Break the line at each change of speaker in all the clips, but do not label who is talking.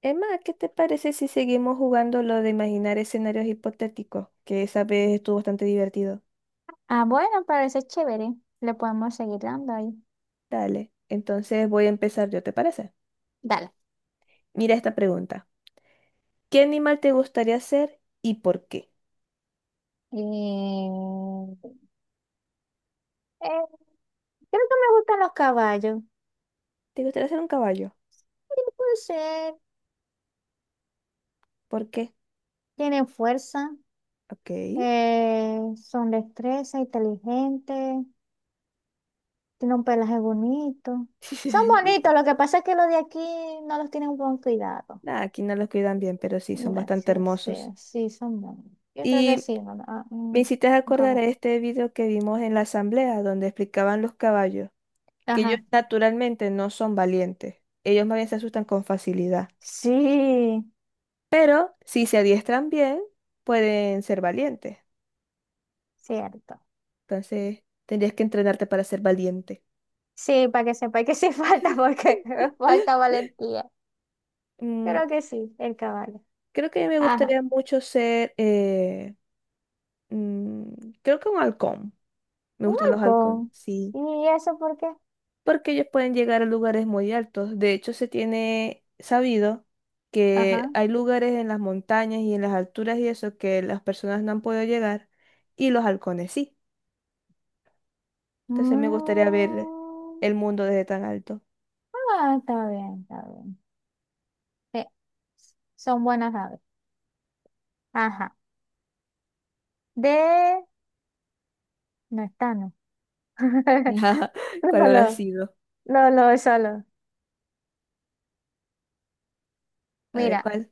Emma, ¿qué te parece si seguimos jugando lo de imaginar escenarios hipotéticos? Que esa vez estuvo bastante divertido.
Ah, bueno, parece chévere. Le podemos seguir dando ahí.
Dale, entonces voy a empezar yo, ¿te parece?
Dale.
Mira esta pregunta. ¿Qué animal te gustaría ser y por qué?
Eh, eh, Creo que me gustan los caballos.
¿Te gustaría ser un caballo?
Sí, puede ser.
¿Por qué?
Tienen fuerza.
Ok.
Son destreza, inteligentes. Tienen un pelaje bonito. Son bonitos. Lo que pasa es que los de aquí no los tienen buen cuidado.
Nada, aquí no los cuidan bien, pero sí, son
No.
bastante
Sí, sí,
hermosos.
sí, son bonitos. Yo creo que
Y
sí. No, no, ah,
me hiciste
un
acordar
caballo.
a este video que vimos en la asamblea donde explicaban los caballos, que ellos
Ajá.
naturalmente no son valientes. Ellos más bien se asustan con facilidad.
Sí,
Si se adiestran bien, pueden ser valientes.
cierto.
Entonces, tendrías que entrenarte para ser valiente.
Sí, para que sepa que sí falta, porque falta valentía.
Mm,
Creo que sí, el caballo.
creo que me
Ajá.
gustaría mucho ser, mm, creo que un halcón. Me
Un
gustan los halcones,
halcón.
sí.
¿Y eso por qué?
Porque ellos pueden llegar a lugares muy altos. De hecho, se tiene sabido que
Ajá.
hay lugares en las montañas y en las alturas y eso que las personas no han podido llegar y los halcones sí. Entonces, me gustaría ver
Mm,
el mundo desde tan alto.
ah, está bien, está bien. Sí, son buenas aves. Ajá. De... No está, no.
Ajá, ¿cuál habrá
Lolo,
sido?
Lolo, solo.
A ver,
Mira,
¿cuál?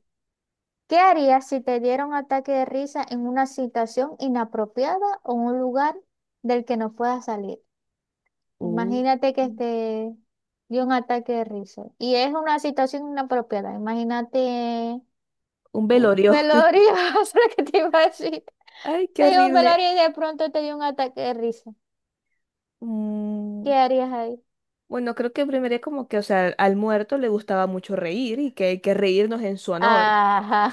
¿qué harías si te diera un ataque de risa en una situación inapropiada o un lugar del que no puedas salir?
Un,
Imagínate que este dio un ataque de risa. Y es una situación inapropiada. Imagínate
un
un
velorio.
velorio, eso es lo que te iba a decir.
Ay, qué
Te dio un
horrible.
velorio y de pronto te dio un ataque de risa.
Mm,
¿Qué harías ahí?
bueno, creo que primero es como que, o sea, al muerto le gustaba mucho reír y que hay que reírnos en su honor.
Ajá.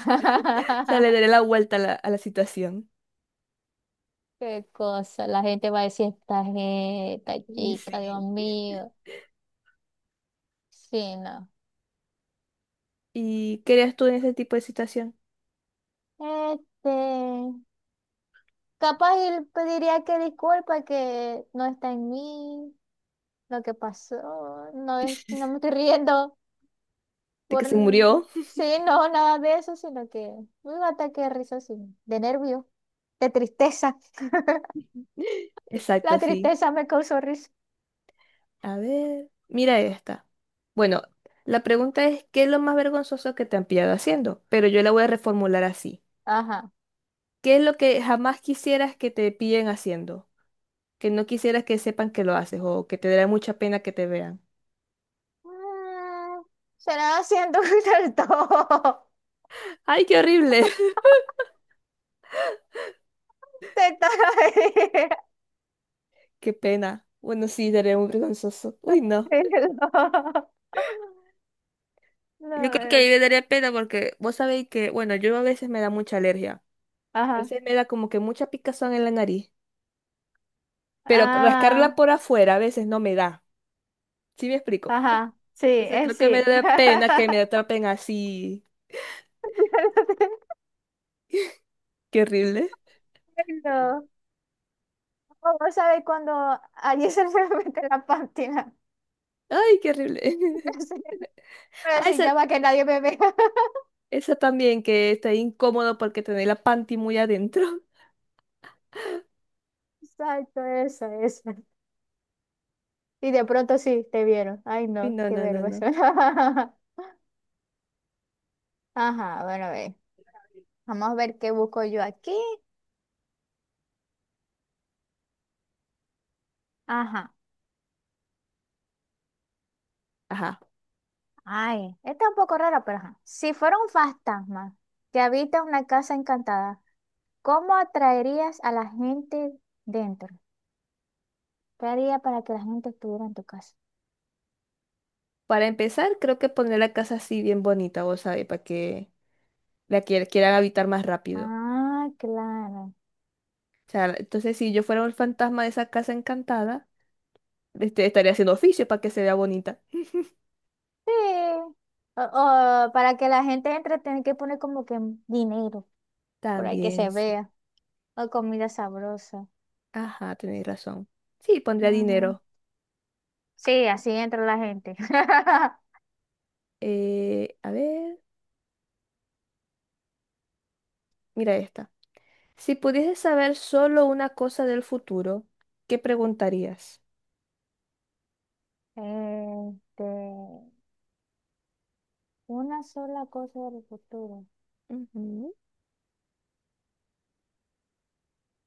O sea, le daré la vuelta a la situación.
Qué cosa. La gente va a decir, esta, gente, esta
Y
chica, Dios
sí.
mío. Sí, no.
¿Y qué harías tú en ese tipo de situación?
Este, Capaz él diría que disculpa que no está en mí. Lo que pasó, no, no me estoy riendo
De que
por,
se murió.
sí, no, nada de eso, sino que un ataque de risa, sí, de nervio, de tristeza. La
Exacto, sí.
tristeza me causó risa.
A ver, mira esta. Bueno, la pregunta es, ¿qué es lo más vergonzoso que te han pillado haciendo? Pero yo la voy a reformular así.
Ajá.
¿Qué es lo que jamás quisieras que te pillen haciendo? Que no quisieras que sepan que lo haces o que te dará mucha pena que te vean.
Mm, será haciendo del todo.
¡Ay, qué horrible!
Te estaba
¡Qué pena! Bueno, sí, daría muy vergonzoso. Uy, no.
riendo. No,
Yo creo que ahí me daría pena porque vos sabéis que, bueno, yo a veces me da mucha alergia. A
Ajá.
veces me da como que mucha picazón en la nariz. Pero
Ah,
rascarla por afuera a veces no me da. ¿Sí me explico?
ajá. Sí,
Entonces
es
creo que me
sí.
da pena que me atrapen así. ¡Qué horrible!
Ay, no. O vos cuando alguien se le mete la pátina.
¡Ay, qué horrible!
Pero
Ay,
decir,
sa-
ya va que nadie me vea.
Eso también que está incómodo porque tener la panty muy adentro.
Exacto, eso, eso. Y de pronto sí, te vieron. Ay,
Y
no,
no,
qué
no, no, no.
vergüenza. Ajá, bueno, a ver. Vamos a ver qué busco yo aquí. Ajá.
Ajá.
Ay, esta es un poco rara, pero ajá. Si fuera un fantasma que habita una casa encantada, ¿cómo atraerías a la gente dentro? ¿Qué haría para que la gente estuviera en tu casa?
Para empezar, creo que poner la casa así bien bonita, vos sabés, para que la quieran habitar más rápido.
Ah, claro.
O sea, entonces si yo fuera un fantasma de esa casa encantada, este, estaría haciendo oficio para que se vea bonita.
Sí. O para que la gente entre, tienen que poner como que dinero, por ahí que se
También, sí.
vea. O comida sabrosa.
Ajá, tenéis razón. Sí, pondría
Ujú.
dinero.
Sí, así entra la gente.
A ver, mira esta. Si pudieses saber solo una cosa del futuro, ¿qué preguntarías?
Este, una sola cosa del futuro.
Ujú.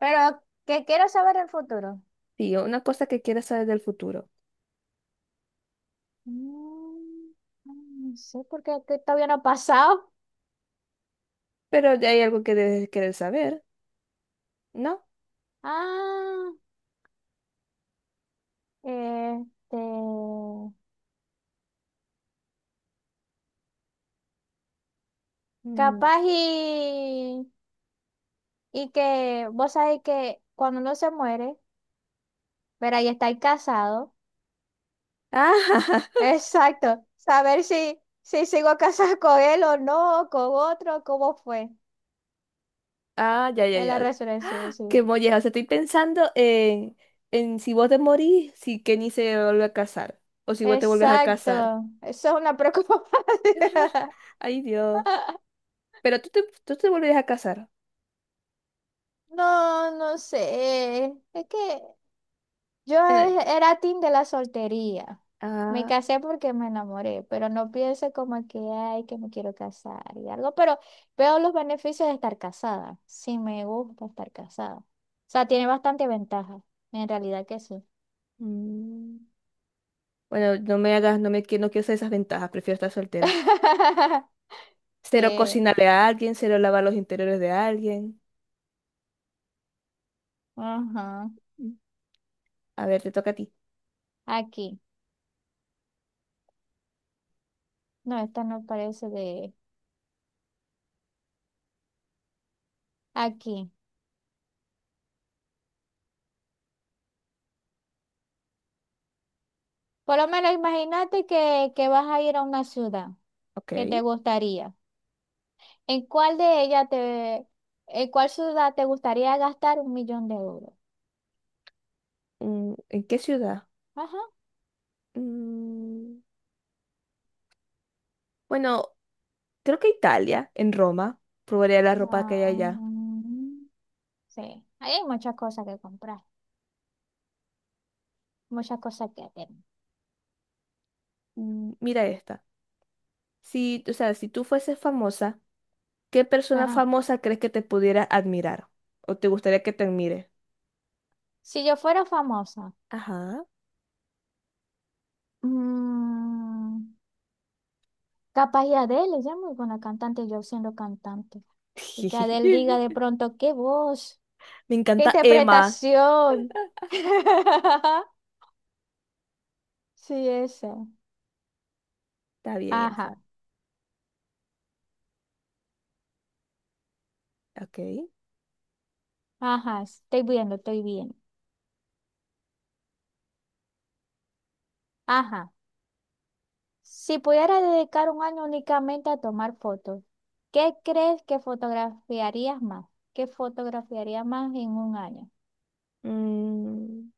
Pero que quiero saber el futuro.
Sí, una cosa que quieres saber del futuro.
Mm, no sé por qué que todavía no ha pasado.
Pero ya hay algo que debes querer saber, ¿no?
Ah, este,
Mm.
capaz y que vos sabés que cuando uno se muere. Pero ahí está el casado.
Ah,
Exacto. Saber si, si sigo casada con él o no, o con otro, cómo fue
ah, ya, ya,
en la
ya.
resurrección, sí.
Qué molleja. O sea, estoy pensando en si vos te morís, si Kenny se vuelve a casar. O si vos te vuelves a
Exacto.
casar.
Eso es una preocupación.
Ay, Dios. Pero tú te volverías a casar.
No, no sé. Es que yo
Bueno,
era team de la soltería. Me
ah,
casé porque me enamoré, pero no pienso como que, ay, que me quiero casar y algo, pero veo los beneficios de estar casada. Sí, me gusta estar casada. O sea, tiene bastante ventaja. En realidad que sí.
mm. Bueno, no me hagas, no quiero hacer esas ventajas, prefiero estar soltera. Cero
Sí,
cocinarle a alguien, cero lavar los interiores de alguien.
ajá.
Mm. A ver, te toca a ti.
Aquí. No, esta no parece de aquí. Por lo menos imagínate que vas a ir a una ciudad
Ok.
que te gustaría. ¿En cuál de ellas te, ¿En cuál ciudad te gustaría gastar 1.000.000 de euros?
Mm, ¿en qué ciudad?
Ajá.
Mm, bueno, creo que Italia, en Roma. Probaría la ropa que
Ah,
hay allá.
mm, sí, ahí hay muchas cosas que comprar, muchas cosas que hacer.
Mm, mira esta. Si, o sea, si tú fueses famosa, ¿qué persona
Ajá.
famosa crees que te pudiera admirar? ¿O te gustaría que te admire?
Si yo fuera famosa,
Ajá.
mm, capaz y Adele, ella es muy buena cantante, yo siendo cantante. Y que Adele diga de pronto, qué voz,
Me
qué
encanta Emma.
interpretación. Sí, eso.
Está bien, esa.
Ajá,
Ok.
ajá, estoy viendo, estoy viendo. Ajá. Si pudiera dedicar un año únicamente a tomar fotos, ¿qué crees que fotografiarías más? ¿Qué fotografiarías más en un año?
Mm,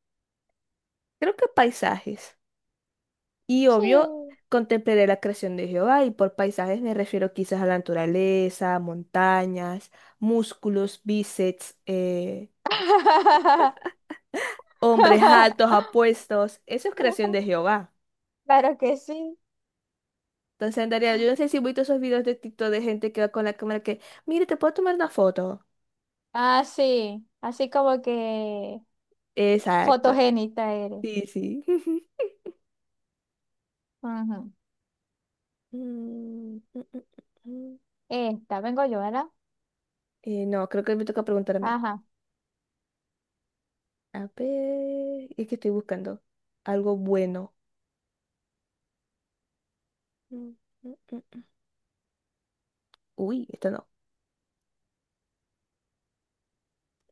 creo que paisajes. Y obvio,
Sí.
contemplaré la creación de Jehová y por paisajes me refiero quizás a la naturaleza, montañas, músculos, bíceps, hombres altos, apuestos. Eso es creación de Jehová.
Claro que sí.
Entonces Andrea yo no sé si he visto esos videos de TikTok de gente que va con la cámara que, mire, ¿te puedo tomar una foto?
Ah, sí. Así como que
Exacto.
fotogénita eres.
Sí, sí.
Ujú.
Mm, mm, mm, mm.
Esta, vengo yo, ¿verdad?
No, creo que me toca preguntar a mí.
Ajá.
A ver, es que estoy buscando algo bueno. Mm, mm, mm, Uy, esto no.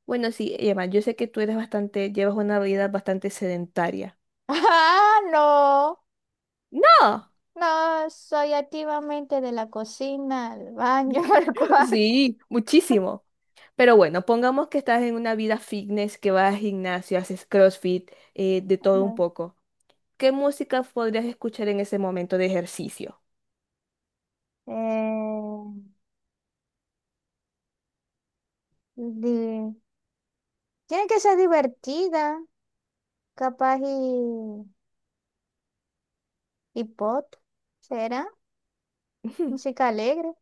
Bueno, sí, Emma, yo sé que tú eres bastante, llevas una vida bastante sedentaria.
Ah, no.
¡No!
No, soy activamente de la cocina, al baño, al cuarto.
Sí, muchísimo. Pero bueno, pongamos que estás en una vida fitness, que vas al gimnasio, haces CrossFit, de todo un
Ajá.
poco. ¿Qué música podrías escuchar en ese momento de ejercicio?
Eh, Di- Tiene que ser divertida, capaz y pop, ¿será?
Ujú.
Música alegre,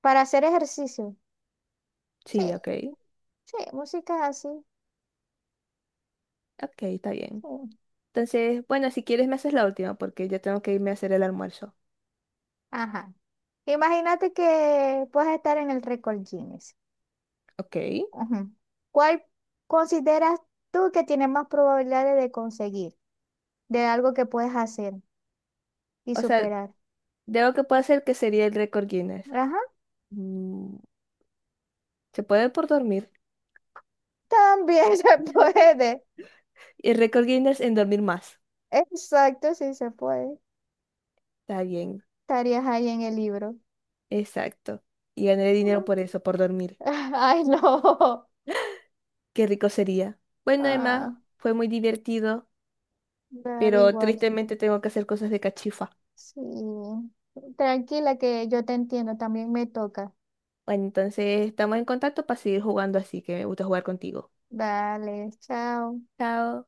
para hacer ejercicio. Sí,
Sí, ok.
sí, música así,
Ok, está bien.
sí.
Entonces, bueno, si quieres me haces la última porque yo tengo que irme a hacer el almuerzo.
Ajá. Imagínate que puedes estar en el récord Guinness.
Ok.
Ujú. ¿Cuál consideras tú que tiene más probabilidades de conseguir, de algo que puedes hacer y
O sea,
superar?
de lo que puedo hacer que sería el récord Guinness.
Ajá,
Mm, ¿se puede por dormir?
también se puede.
Y el récord Guinness en dormir más.
Exacto, sí se puede.
Está bien,
Estarías ahí en el libro.
exacto. Y ganaré dinero por eso, por dormir.
Ay, no.
Qué rico sería. Bueno,
Ah,
Emma, fue muy divertido,
Daddy
pero
igual.
tristemente tengo que hacer cosas de cachifa.
Sí. Tranquila que yo te entiendo, también me toca.
Bueno, entonces estamos en contacto para seguir jugando así, que me gusta jugar contigo.
Dale, chao.
Chao.